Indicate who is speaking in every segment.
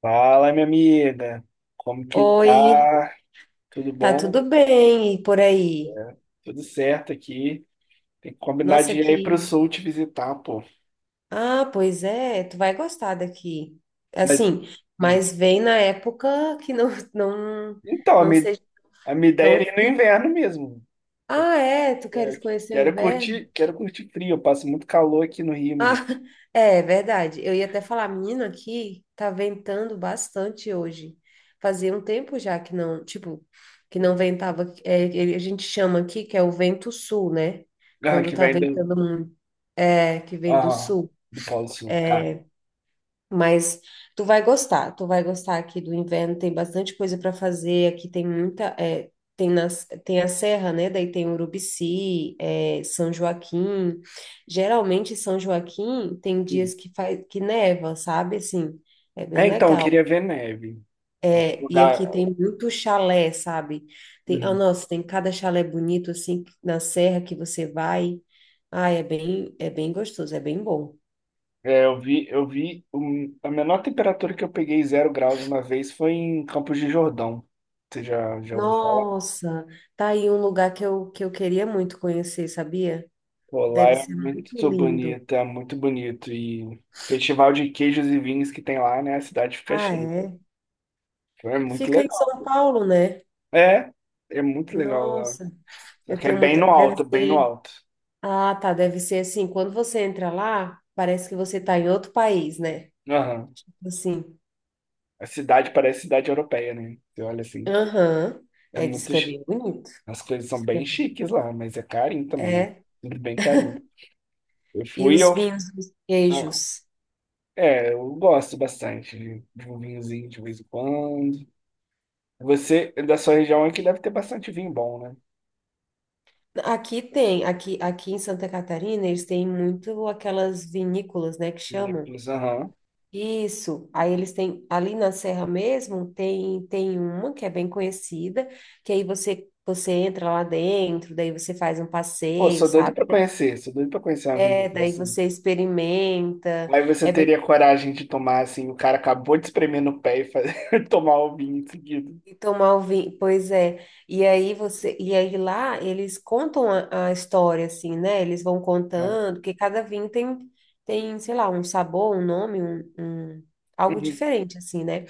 Speaker 1: Fala, minha amiga. Como que
Speaker 2: Oi,
Speaker 1: tá? Tudo
Speaker 2: tá
Speaker 1: bom?
Speaker 2: tudo bem e por aí?
Speaker 1: Tudo certo aqui. Tem que combinar
Speaker 2: Nossa,
Speaker 1: de ir aí pro
Speaker 2: aqui.
Speaker 1: sul te visitar, pô.
Speaker 2: Ah, pois é, tu vai gostar daqui.
Speaker 1: Mas.
Speaker 2: Assim,
Speaker 1: Hum.
Speaker 2: mas vem na época que não não
Speaker 1: Então,
Speaker 2: não seja
Speaker 1: a minha ideia
Speaker 2: tão
Speaker 1: era ir no
Speaker 2: frio.
Speaker 1: inverno mesmo.
Speaker 2: Ah, é, tu
Speaker 1: É,
Speaker 2: queres conhecer o inverno?
Speaker 1: quero curtir frio. Eu passo muito calor aqui no Rio,
Speaker 2: Ah,
Speaker 1: menino.
Speaker 2: é verdade. Eu ia até falar, menina, aqui tá ventando bastante hoje. Fazia um tempo já que não, tipo, que não ventava. É, a gente chama aqui que é o vento sul, né?
Speaker 1: Ah,
Speaker 2: Quando
Speaker 1: que
Speaker 2: tá
Speaker 1: vem
Speaker 2: ventando muito. É, que vem do
Speaker 1: ah,
Speaker 2: sul.
Speaker 1: do Polo Sul, cara.
Speaker 2: Mas tu vai gostar aqui do inverno, tem bastante coisa para fazer, aqui tem muita, é, tem, nas, tem a serra, né? Daí tem Urubici, é, São Joaquim. Geralmente São Joaquim tem
Speaker 1: Hum.
Speaker 2: dias que faz, que neva, sabe? Assim, é
Speaker 1: É,
Speaker 2: bem
Speaker 1: então, eu
Speaker 2: legal.
Speaker 1: queria ver neve. Algum
Speaker 2: É, e
Speaker 1: lugar.
Speaker 2: aqui tem muito chalé, sabe? Tem, ah,
Speaker 1: Hum.
Speaker 2: nossa, tem cada chalé bonito assim na serra que você vai. Ah, é bem gostoso, é bem bom.
Speaker 1: É, a menor temperatura que eu peguei, 0 graus uma vez, foi em Campos de Jordão. Você já, já ouviu falar?
Speaker 2: Nossa, tá aí um lugar que eu queria muito conhecer, sabia?
Speaker 1: Pô, lá
Speaker 2: Deve
Speaker 1: é
Speaker 2: ser muito
Speaker 1: muito
Speaker 2: lindo.
Speaker 1: bonito, é muito bonito. E festival de queijos e vinhos que tem lá, né? A cidade fica
Speaker 2: Ah,
Speaker 1: cheia.
Speaker 2: é?
Speaker 1: Então é muito
Speaker 2: Fica em
Speaker 1: legal.
Speaker 2: São Paulo, né?
Speaker 1: É, é muito legal lá.
Speaker 2: Nossa,
Speaker 1: Só
Speaker 2: eu
Speaker 1: que é
Speaker 2: tenho
Speaker 1: bem
Speaker 2: muita.
Speaker 1: no
Speaker 2: Deve
Speaker 1: alto, bem no
Speaker 2: ser.
Speaker 1: alto.
Speaker 2: Ah, tá. Deve ser assim. Quando você entra lá, parece que você tá em outro país, né?
Speaker 1: Aham.
Speaker 2: Tipo assim.
Speaker 1: A cidade parece cidade europeia, né? Você olha assim,
Speaker 2: Aham.
Speaker 1: é
Speaker 2: É, diz
Speaker 1: muito.
Speaker 2: que é bem bonito.
Speaker 1: As coisas são
Speaker 2: Diz que é
Speaker 1: bem
Speaker 2: bem.
Speaker 1: chiques lá, mas é carinho também, né?
Speaker 2: É.
Speaker 1: Tudo bem carinho. Eu
Speaker 2: E
Speaker 1: fui,
Speaker 2: os
Speaker 1: eu.
Speaker 2: vinhos, os
Speaker 1: Ah,
Speaker 2: queijos.
Speaker 1: é, eu gosto bastante de um vinhozinho de vez em quando. Você, da sua região aqui, deve ter bastante vinho bom, né?
Speaker 2: Aqui tem, aqui, aqui em Santa Catarina, eles têm muito aquelas vinícolas, né, que chamam.
Speaker 1: Vinícolas, aham.
Speaker 2: Isso. Aí eles têm, ali na Serra mesmo, tem uma que é bem conhecida, que aí você entra lá dentro, daí você faz um
Speaker 1: Pô,
Speaker 2: passeio,
Speaker 1: sou doido
Speaker 2: sabe?
Speaker 1: pra conhecer, sou doido pra conhecer uma
Speaker 2: É,
Speaker 1: vinícola
Speaker 2: daí
Speaker 1: assim.
Speaker 2: você experimenta.
Speaker 1: Aí você
Speaker 2: É,
Speaker 1: teria coragem de tomar, assim, o cara acabou de espremer no pé e fazer, tomar o vinho em seguida.
Speaker 2: e tomar o vinho, pois é. E aí você, e aí lá eles contam a história assim, né? Eles vão
Speaker 1: Aham.
Speaker 2: contando, porque cada vinho tem tem, sei lá, um sabor, um nome, um, algo
Speaker 1: Uhum.
Speaker 2: diferente assim, né?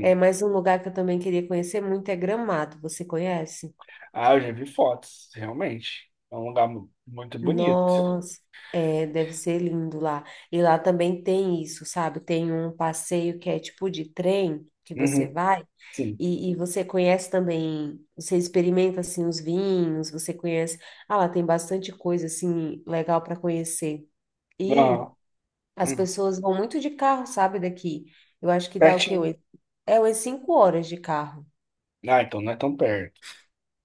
Speaker 2: É, mas um lugar que eu também queria conhecer muito é Gramado. Você conhece?
Speaker 1: Ah, eu já vi fotos, realmente. É um lugar muito bonito.
Speaker 2: Nossa, é, deve ser lindo lá. E lá também tem isso, sabe? Tem um passeio que é tipo de trem que você
Speaker 1: Uhum.
Speaker 2: vai
Speaker 1: Sim.
Speaker 2: e você conhece também, você experimenta assim os vinhos, você conhece. Ah, lá tem bastante coisa assim legal para conhecer. E
Speaker 1: Aham.
Speaker 2: as
Speaker 1: Uhum.
Speaker 2: pessoas vão muito de carro, sabe? Daqui. Eu acho que dá o quê?
Speaker 1: Pertinho.
Speaker 2: É umas 5 horas de carro.
Speaker 1: Ah, então não é tão perto.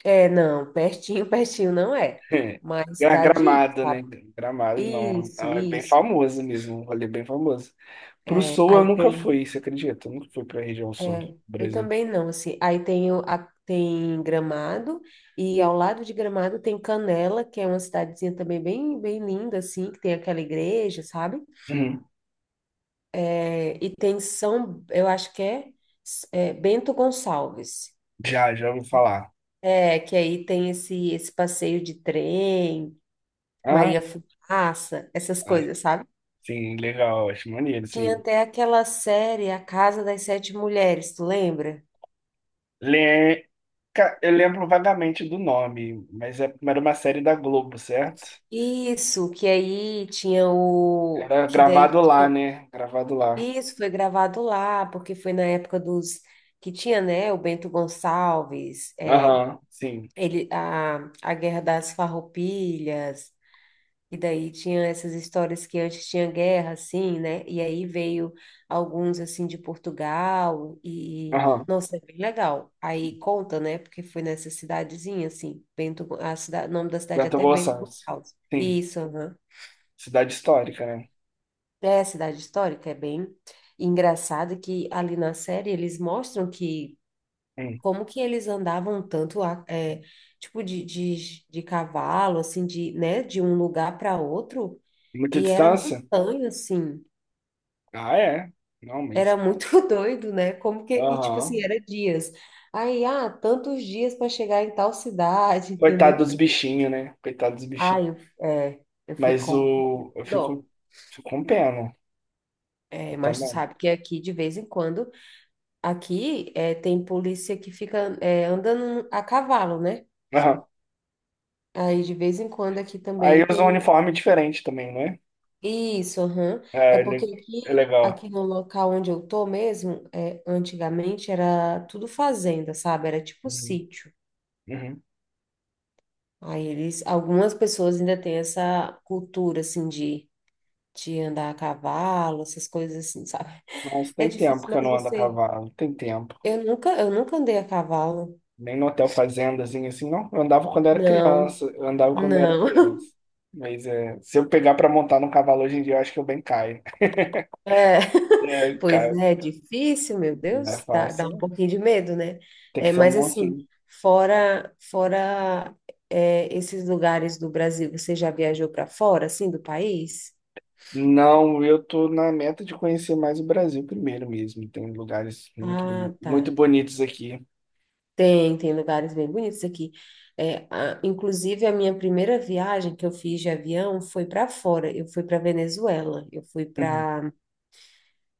Speaker 2: É, não, pertinho, pertinho não é,
Speaker 1: É.
Speaker 2: mas dá de ir,
Speaker 1: Gramado, né?
Speaker 2: sabe?
Speaker 1: Gramado, não. Não,
Speaker 2: Isso,
Speaker 1: é bem
Speaker 2: isso.
Speaker 1: famosa mesmo, um rolê bem famoso. Pro
Speaker 2: É,
Speaker 1: sul eu
Speaker 2: aí
Speaker 1: nunca
Speaker 2: tem,
Speaker 1: fui, você acredita? Eu nunca fui pra região sul do
Speaker 2: é, eu
Speaker 1: Brasil.
Speaker 2: também não, assim, aí tem, tem Gramado, e ao lado de Gramado tem Canela, que é uma cidadezinha também bem, bem linda, assim, que tem aquela igreja, sabe?
Speaker 1: Uhum.
Speaker 2: É, e tem São, eu acho que é, é, Bento Gonçalves,
Speaker 1: Já, já ouvi falar.
Speaker 2: é, que aí tem esse passeio de trem,
Speaker 1: Ah,
Speaker 2: Maria Fumaça, essas
Speaker 1: ah,
Speaker 2: coisas, sabe?
Speaker 1: sim, legal, acho maneiro,
Speaker 2: Tinha
Speaker 1: sim.
Speaker 2: até aquela série A Casa das Sete Mulheres, tu lembra?
Speaker 1: Le... Eu lembro vagamente do nome, mas era uma série da Globo, certo?
Speaker 2: Isso, que aí tinha o.
Speaker 1: Era
Speaker 2: Que daí.
Speaker 1: gravado lá, né? Gravado lá.
Speaker 2: Isso foi gravado lá, porque foi na época dos. Que tinha, né? O Bento Gonçalves, é,
Speaker 1: Aham, sim.
Speaker 2: ele, a Guerra das Farroupilhas, e daí tinha essas histórias que antes tinha guerra, assim, né? E aí veio alguns, assim, de Portugal, e.
Speaker 1: Aham.
Speaker 2: Nossa, é bem legal. Aí conta, né? Porque foi nessa cidadezinha, assim, Bento, a cidade, o nome da cidade é
Speaker 1: Bento
Speaker 2: até Bento
Speaker 1: Gonçalves.
Speaker 2: Gonçalves.
Speaker 1: Sim.
Speaker 2: Isso, aham.
Speaker 1: Cidade histórica, né?
Speaker 2: É, cidade histórica, é bem engraçado que ali na série eles mostram que
Speaker 1: Hum.
Speaker 2: como que eles andavam tanto é, tipo de cavalo, assim, de, né, de um lugar para outro,
Speaker 1: Muita
Speaker 2: e era
Speaker 1: distância?
Speaker 2: montanha, assim,
Speaker 1: Ah, é. Não,
Speaker 2: era
Speaker 1: mas.
Speaker 2: muito doido, né? Como que, e tipo assim,
Speaker 1: Aham.
Speaker 2: era dias. Aí, ah, tantos dias para chegar em tal cidade,
Speaker 1: Coitado
Speaker 2: entendeu?
Speaker 1: dos bichinhos, né? Coitado dos
Speaker 2: Ah,
Speaker 1: bichinhos.
Speaker 2: eu, é, eu fico
Speaker 1: Mas
Speaker 2: com
Speaker 1: o. Eu
Speaker 2: dó.
Speaker 1: fico, fico com pena. Eu
Speaker 2: É, mas tu
Speaker 1: também.
Speaker 2: sabe que aqui de vez em quando aqui é, tem polícia que fica é, andando a cavalo, né?
Speaker 1: Aham.
Speaker 2: Aí de vez em quando aqui
Speaker 1: Aí
Speaker 2: também
Speaker 1: usa um
Speaker 2: tem.
Speaker 1: uniforme diferente também, né?
Speaker 2: Isso, aham. É
Speaker 1: É,
Speaker 2: porque
Speaker 1: é
Speaker 2: aqui,
Speaker 1: legal.
Speaker 2: aqui no local onde eu tô mesmo, é, antigamente era tudo fazenda, sabe? Era tipo
Speaker 1: Uhum.
Speaker 2: sítio.
Speaker 1: Uhum.
Speaker 2: Aí eles, algumas pessoas ainda têm essa cultura assim de andar a cavalo, essas coisas assim, sabe?
Speaker 1: Nossa,
Speaker 2: É
Speaker 1: tem tempo
Speaker 2: difícil,
Speaker 1: que eu
Speaker 2: mas
Speaker 1: não ando a
Speaker 2: você.
Speaker 1: cavalo. Tem tempo.
Speaker 2: Eu nunca andei a cavalo.
Speaker 1: Nem no hotel fazendazinho assim, não. Eu andava quando era
Speaker 2: Não,
Speaker 1: criança. Eu andava quando era
Speaker 2: não.
Speaker 1: criança. Mas é, se eu pegar pra montar no cavalo hoje em dia, eu acho que eu bem caio.
Speaker 2: É,
Speaker 1: É,
Speaker 2: pois
Speaker 1: cara,
Speaker 2: é, difícil, meu
Speaker 1: não é
Speaker 2: Deus, dá,
Speaker 1: fácil,
Speaker 2: dá um
Speaker 1: né?
Speaker 2: pouquinho de medo, né?
Speaker 1: Tem que
Speaker 2: É,
Speaker 1: ser um
Speaker 2: mas assim,
Speaker 1: mansinho.
Speaker 2: fora é, esses lugares do Brasil, você já viajou para fora, assim, do país?
Speaker 1: Não, eu tô na meta de conhecer mais o Brasil primeiro mesmo. Tem lugares muito, boni-
Speaker 2: Ah, tá.
Speaker 1: muito bonitos aqui.
Speaker 2: Tem, tem lugares bem bonitos aqui. É, inclusive, a minha primeira viagem que eu fiz de avião foi para fora. Eu fui para Venezuela. Eu fui
Speaker 1: Uhum.
Speaker 2: para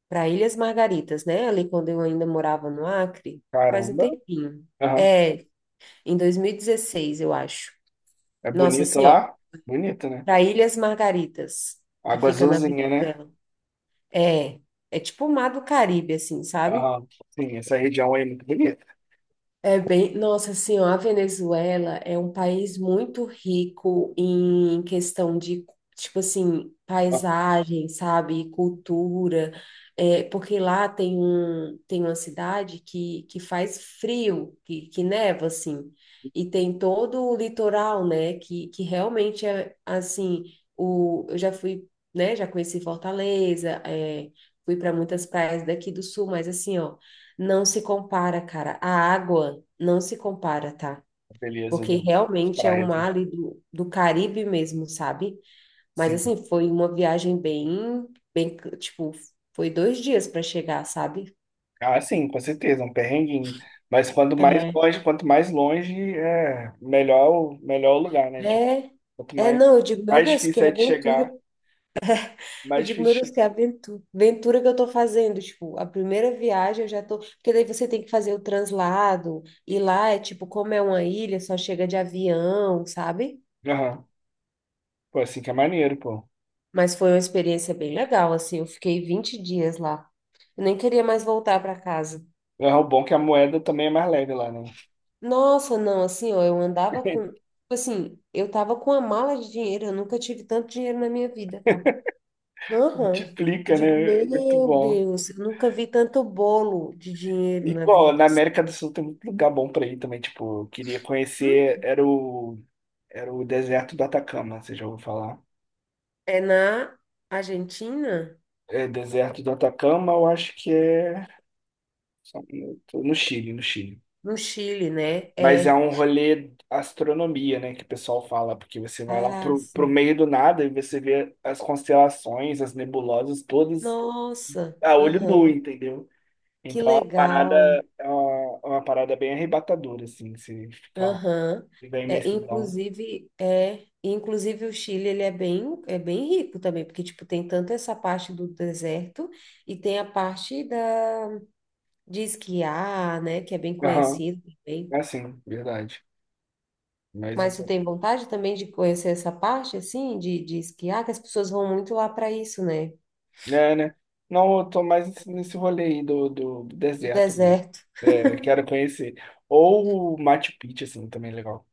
Speaker 2: para Ilhas Margaritas, né? Ali quando eu ainda morava no Acre, faz um
Speaker 1: Caramba.
Speaker 2: tempinho.
Speaker 1: Aham.
Speaker 2: É, em 2016, eu acho.
Speaker 1: É
Speaker 2: Nossa,
Speaker 1: bonito
Speaker 2: assim, ó,
Speaker 1: lá? Bonito, né?
Speaker 2: para Ilhas Margaritas, que
Speaker 1: Água
Speaker 2: fica na
Speaker 1: azulzinha, né?
Speaker 2: Venezuela. É, é tipo o Mar do Caribe, assim, sabe?
Speaker 1: Aham. Sim, essa região aí é muito bonita.
Speaker 2: É bem, nossa, senhora a Venezuela é um país muito rico em questão de, tipo assim,
Speaker 1: Ah,
Speaker 2: paisagem, sabe, cultura, é, porque lá tem um, tem uma cidade que faz frio, que neva, assim, e tem todo o litoral, né, que realmente é, assim, o, eu já fui, né, já conheci Fortaleza, é, fui para muitas praias daqui do sul, mas assim, ó, não se compara, cara. A água não se compara, tá?
Speaker 1: beleza,
Speaker 2: Porque
Speaker 1: não. As
Speaker 2: realmente é um
Speaker 1: praias, né?
Speaker 2: mar ali do Caribe mesmo, sabe? Mas
Speaker 1: Sim.
Speaker 2: assim, foi uma viagem bem, bem, tipo, foi 2 dias para chegar, sabe?
Speaker 1: Ah, sim, com certeza, um perrenguinho. Mas
Speaker 2: É.
Speaker 1: quanto mais longe, é melhor, melhor o lugar, né? Tipo,
Speaker 2: É,
Speaker 1: quanto mais,
Speaker 2: não, eu digo, meu
Speaker 1: mais
Speaker 2: Deus, que
Speaker 1: difícil é de
Speaker 2: aventura.
Speaker 1: chegar,
Speaker 2: Eu
Speaker 1: mais
Speaker 2: digo, meu Deus,
Speaker 1: difícil.
Speaker 2: que aventura, aventura que eu tô fazendo. Tipo, a primeira viagem eu já tô. Porque daí você tem que fazer o translado, e lá é tipo, como é uma ilha, só chega de avião, sabe?
Speaker 1: Aham. Pô, assim que é maneiro, pô.
Speaker 2: Mas foi uma experiência bem legal, assim, eu fiquei 20 dias lá. Eu nem queria mais voltar para casa.
Speaker 1: É, o bom é que a moeda também é mais leve lá, né?
Speaker 2: Nossa, não, assim, ó, eu andava com, tipo assim, eu tava com uma mala de dinheiro, eu nunca tive tanto dinheiro na minha vida, tá? Aham. Eu
Speaker 1: Multiplica,
Speaker 2: digo,
Speaker 1: né? Muito
Speaker 2: meu
Speaker 1: bom.
Speaker 2: Deus, eu nunca vi tanto bolo de dinheiro
Speaker 1: E,
Speaker 2: na
Speaker 1: bom,
Speaker 2: vida.
Speaker 1: na
Speaker 2: Assim.
Speaker 1: América do Sul tem muito lugar bom pra ir também. Tipo, eu queria conhecer,
Speaker 2: Hum?
Speaker 1: era o, era o deserto do Atacama, você já ouviu falar?
Speaker 2: É na Argentina?
Speaker 1: É, deserto do Atacama, eu acho que é só um minuto, no Chile, no Chile.
Speaker 2: No Chile, né?
Speaker 1: Mas é
Speaker 2: É.
Speaker 1: um rolê astronomia, né, que o pessoal fala, porque você vai lá
Speaker 2: Ah,
Speaker 1: pro, pro
Speaker 2: sim.
Speaker 1: meio do nada e você vê as constelações, as nebulosas, todas
Speaker 2: Nossa,
Speaker 1: a olho nu,
Speaker 2: aham.
Speaker 1: entendeu?
Speaker 2: Que
Speaker 1: Então, a parada,
Speaker 2: legal.
Speaker 1: é uma parada bem arrebatadora, assim, você ficar lá,
Speaker 2: Aham.
Speaker 1: da imensidão.
Speaker 2: É, inclusive o Chile, ele é bem rico também, porque, tipo, tem tanto essa parte do deserto e tem a parte da, de esquiar, né, que é bem
Speaker 1: Aham,
Speaker 2: conhecido também.
Speaker 1: é assim, verdade. Mas eu
Speaker 2: Mas tu
Speaker 1: tô...
Speaker 2: tem vontade também de conhecer essa parte, assim, de esquiar, que as pessoas vão muito lá para isso, né,
Speaker 1: É, né? Não, eu tô mais nesse rolê aí do
Speaker 2: do
Speaker 1: deserto mesmo.
Speaker 2: deserto.
Speaker 1: É, quero conhecer. Ou o Machu Picchu, assim, também é legal.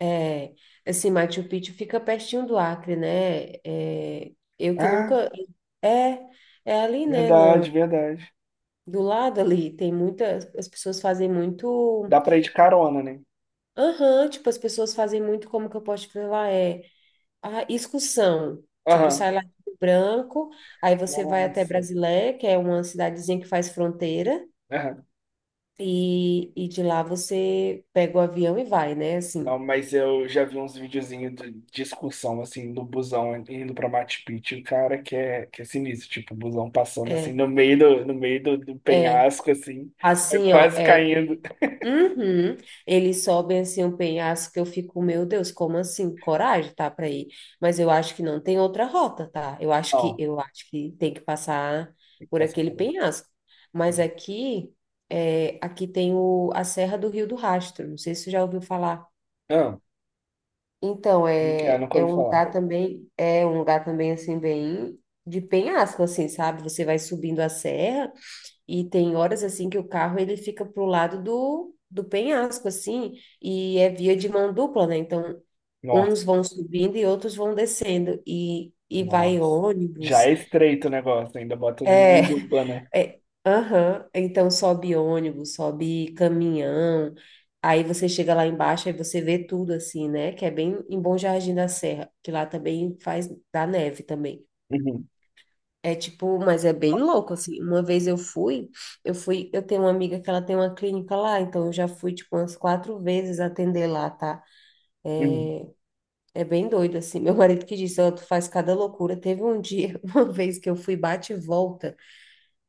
Speaker 2: É, assim, Machu Picchu fica pertinho do Acre, né, é, eu que
Speaker 1: Ah,
Speaker 2: nunca... É, é ali, né,
Speaker 1: verdade, verdade.
Speaker 2: do lado ali, tem muitas, as pessoas fazem muito,
Speaker 1: Dá pra ir de carona, né?
Speaker 2: aham, tipo, as pessoas fazem muito, como que eu posso te falar, é a excursão, tipo,
Speaker 1: Aham.
Speaker 2: sai lá do Branco, aí você vai até
Speaker 1: Nossa.
Speaker 2: Brasilé, que é uma cidadezinha que faz fronteira,
Speaker 1: Aham.
Speaker 2: e de lá você pega o avião e vai, né,
Speaker 1: Não,
Speaker 2: assim,
Speaker 1: mas eu já vi uns videozinhos de excursão, assim, no busão indo pra Machu Picchu, cara, que é sinistro, tipo, o busão passando, assim,
Speaker 2: é,
Speaker 1: no meio do
Speaker 2: é,
Speaker 1: penhasco, assim, é
Speaker 2: assim, ó,
Speaker 1: quase
Speaker 2: é,
Speaker 1: caindo.
Speaker 2: ele, uhum. Eles sobem assim um penhasco que eu fico, meu Deus, como assim? Coragem, tá, para ir. Mas eu acho que não tem outra rota, tá? Eu acho que
Speaker 1: Não,
Speaker 2: eu acho que tem que passar
Speaker 1: tem que
Speaker 2: por
Speaker 1: passar
Speaker 2: aquele
Speaker 1: por ali.
Speaker 2: penhasco. Mas aqui, é, aqui tem o, a Serra do Rio do Rastro. Não sei se você já ouviu falar.
Speaker 1: Ah,
Speaker 2: Então,
Speaker 1: como que é?
Speaker 2: é,
Speaker 1: Nunca
Speaker 2: é
Speaker 1: ouvi
Speaker 2: um
Speaker 1: falar.
Speaker 2: lugar também, é um lugar também assim bem de penhasco assim, sabe? Você vai subindo a serra e tem horas assim que o carro ele fica pro lado do penhasco assim, e é via de mão dupla, né? Então,
Speaker 1: Nossa,
Speaker 2: uns vão subindo e outros vão descendo e vai
Speaker 1: nossa. Já
Speaker 2: ônibus.
Speaker 1: é estreito o negócio, ainda botam de
Speaker 2: É,
Speaker 1: mundo urbana.
Speaker 2: é, aham. Então sobe ônibus, sobe caminhão. Aí você chega lá embaixo e você vê tudo assim, né? Que é bem em Bom Jardim da Serra, que lá também faz da neve também.
Speaker 1: Uhum,
Speaker 2: É tipo, mas é bem louco, assim. Uma vez eu fui, eu fui, eu tenho uma amiga que ela tem uma clínica lá, então eu já fui, tipo, umas 4 vezes atender lá, tá?
Speaker 1: uhum.
Speaker 2: É bem doido, assim. Meu marido que disse, ó, tu faz cada loucura. Teve um dia, uma vez que eu fui bate e volta,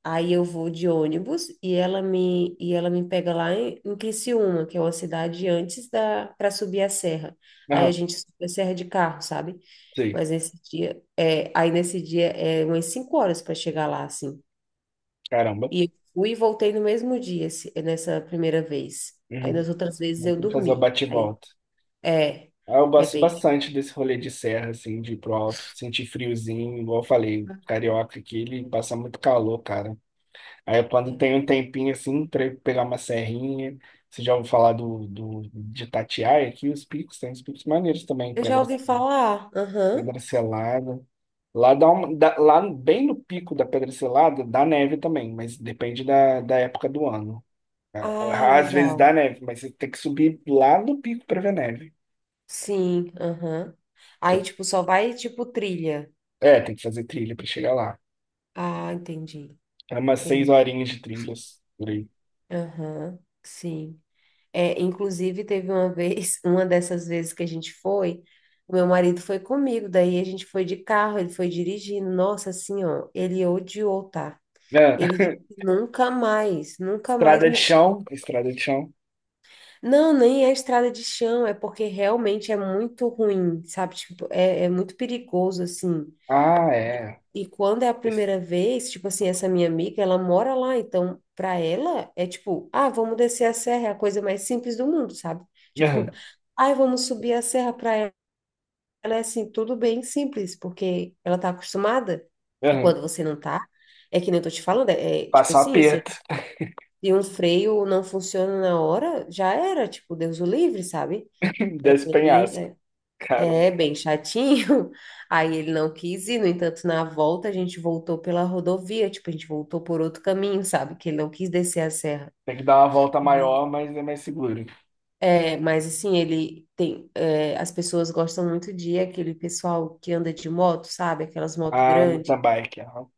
Speaker 2: aí eu vou de ônibus e ela me pega lá em, em Criciúma, que é uma cidade antes da, para subir a serra. Aí a
Speaker 1: Aham,
Speaker 2: gente sobe a serra de carro, sabe?
Speaker 1: sei.
Speaker 2: Mas nesse dia, é, aí nesse dia é umas cinco horas para chegar lá, assim.
Speaker 1: Caramba.
Speaker 2: E eu fui e voltei no mesmo dia, nessa primeira vez. Aí
Speaker 1: Uhum.
Speaker 2: nas outras vezes eu
Speaker 1: Vou fazer o
Speaker 2: dormi. Aí,
Speaker 1: bate-volta.
Speaker 2: é,
Speaker 1: Ah, eu
Speaker 2: é
Speaker 1: gosto
Speaker 2: bem.
Speaker 1: bastante desse rolê de serra, assim, de ir pro alto, sentir friozinho, igual eu falei, carioca aqui, ele passa muito calor, cara. Aí quando tem um tempinho, assim, pra eu pegar uma serrinha, você já ouviu falar do, de Itatiaia aqui, os picos, tem os picos maneiros também,
Speaker 2: Eu
Speaker 1: Pedra,
Speaker 2: já ouvi falar. Aham.
Speaker 1: Pedra Selada. Lá lá bem no pico da Pedra Selada, dá neve também, mas depende da época do ano.
Speaker 2: Ah,
Speaker 1: Às vezes
Speaker 2: legal.
Speaker 1: dá neve, mas você tem que subir lá no pico pra ver neve.
Speaker 2: Sim, aham.
Speaker 1: que
Speaker 2: Aí, tipo, só vai, tipo, trilha.
Speaker 1: é, tem que fazer trilha pra chegar lá.
Speaker 2: Ah, entendi.
Speaker 1: É umas seis
Speaker 2: Tem.
Speaker 1: horinhas de trilhas por aí.
Speaker 2: Aham, sim. É, inclusive, teve uma vez, uma dessas vezes que a gente foi, o meu marido foi comigo, daí a gente foi de carro, ele foi dirigindo. Nossa, assim, ó, ele odiou, tá? Ele disse,
Speaker 1: É.
Speaker 2: nunca mais, nunca mais
Speaker 1: Estrada de
Speaker 2: me chama.
Speaker 1: chão, estrada de chão.
Speaker 2: Não, nem é estrada de chão, é porque realmente é muito ruim, sabe? Tipo, é, é muito perigoso, assim.
Speaker 1: Ah, é.
Speaker 2: E quando é a
Speaker 1: Es-
Speaker 2: primeira vez, tipo assim, essa minha amiga, ela mora lá, então pra ela é tipo, ah, vamos descer a serra, é a coisa mais simples do mundo, sabe?
Speaker 1: Aham,
Speaker 2: Tipo, ai, vamos subir a serra pra ela, é assim, tudo bem simples, porque ela tá acostumada. E
Speaker 1: aham.
Speaker 2: quando você não tá, é que nem eu tô te falando, é é, tipo
Speaker 1: Passa um
Speaker 2: assim, você
Speaker 1: aperto
Speaker 2: e um freio não funciona na hora, já era, tipo, Deus o livre, sabe?
Speaker 1: desse penhasco.
Speaker 2: Bem, é, é
Speaker 1: Caramba.
Speaker 2: bem chatinho. Aí ele não quis ir, no entanto, na volta a gente voltou pela rodovia, tipo, a gente voltou por outro caminho, sabe? Que ele não quis descer a serra.
Speaker 1: Tem que dar uma volta maior, mas é mais seguro.
Speaker 2: É, mas assim, ele tem. É, as pessoas gostam muito de aquele pessoal que anda de moto, sabe? Aquelas motos
Speaker 1: Ah,
Speaker 2: grandes.
Speaker 1: mountain bike. Aham.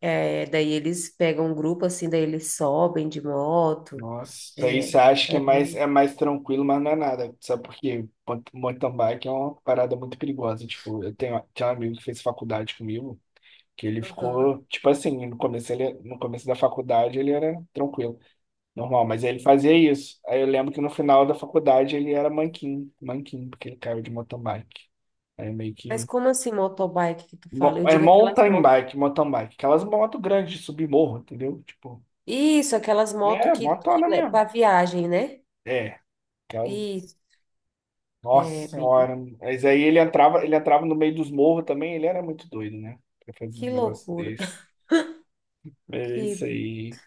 Speaker 2: É, daí eles pegam um grupo assim, daí eles sobem de moto.
Speaker 1: Nossa, isso aí você
Speaker 2: É,
Speaker 1: acha que é
Speaker 2: é
Speaker 1: mais,
Speaker 2: bem.
Speaker 1: é mais tranquilo, mas não é nada. Sabe por quê? Mountain bike é uma parada muito perigosa. Tipo, tinha um amigo que fez faculdade comigo, que ele
Speaker 2: Aham.
Speaker 1: ficou, tipo assim, no começo da faculdade ele era tranquilo, normal, mas ele fazia isso. Aí eu lembro que no final da faculdade ele era manquinho, manquinho, porque ele caiu de mountain bike. Aí meio
Speaker 2: Mas
Speaker 1: que.
Speaker 2: como assim motobike que tu fala? Eu
Speaker 1: É
Speaker 2: digo aquelas
Speaker 1: mountain
Speaker 2: motos.
Speaker 1: bike, mountain bike. Aquelas motos grandes de subir morro, entendeu? Tipo,
Speaker 2: Isso, aquelas motos
Speaker 1: é,
Speaker 2: que, que
Speaker 1: motona
Speaker 2: le- pra
Speaker 1: mesmo.
Speaker 2: viagem, né?
Speaker 1: É, aquelas.
Speaker 2: Isso,
Speaker 1: Nossa
Speaker 2: é bem.
Speaker 1: senhora. Mas aí ele entrava no meio dos morros também, ele era muito doido, né? Pra fazer uns
Speaker 2: Que
Speaker 1: negócios
Speaker 2: loucura.
Speaker 1: desses. É isso
Speaker 2: Que,
Speaker 1: aí.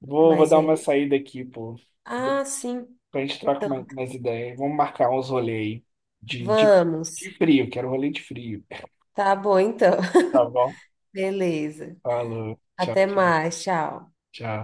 Speaker 1: Vou
Speaker 2: mas
Speaker 1: dar
Speaker 2: é.
Speaker 1: uma saída aqui, pô.
Speaker 2: Ah, sim.
Speaker 1: A gente trocar
Speaker 2: Então,
Speaker 1: mais ideia. Vamos marcar uns rolês aí de, de, de
Speaker 2: vamos.
Speaker 1: frio, quero rolê de frio.
Speaker 2: Tá bom, então.
Speaker 1: Tá bom?
Speaker 2: Beleza.
Speaker 1: Falou. Tchau,
Speaker 2: Até
Speaker 1: tchau,
Speaker 2: mais. Tchau.
Speaker 1: tchau.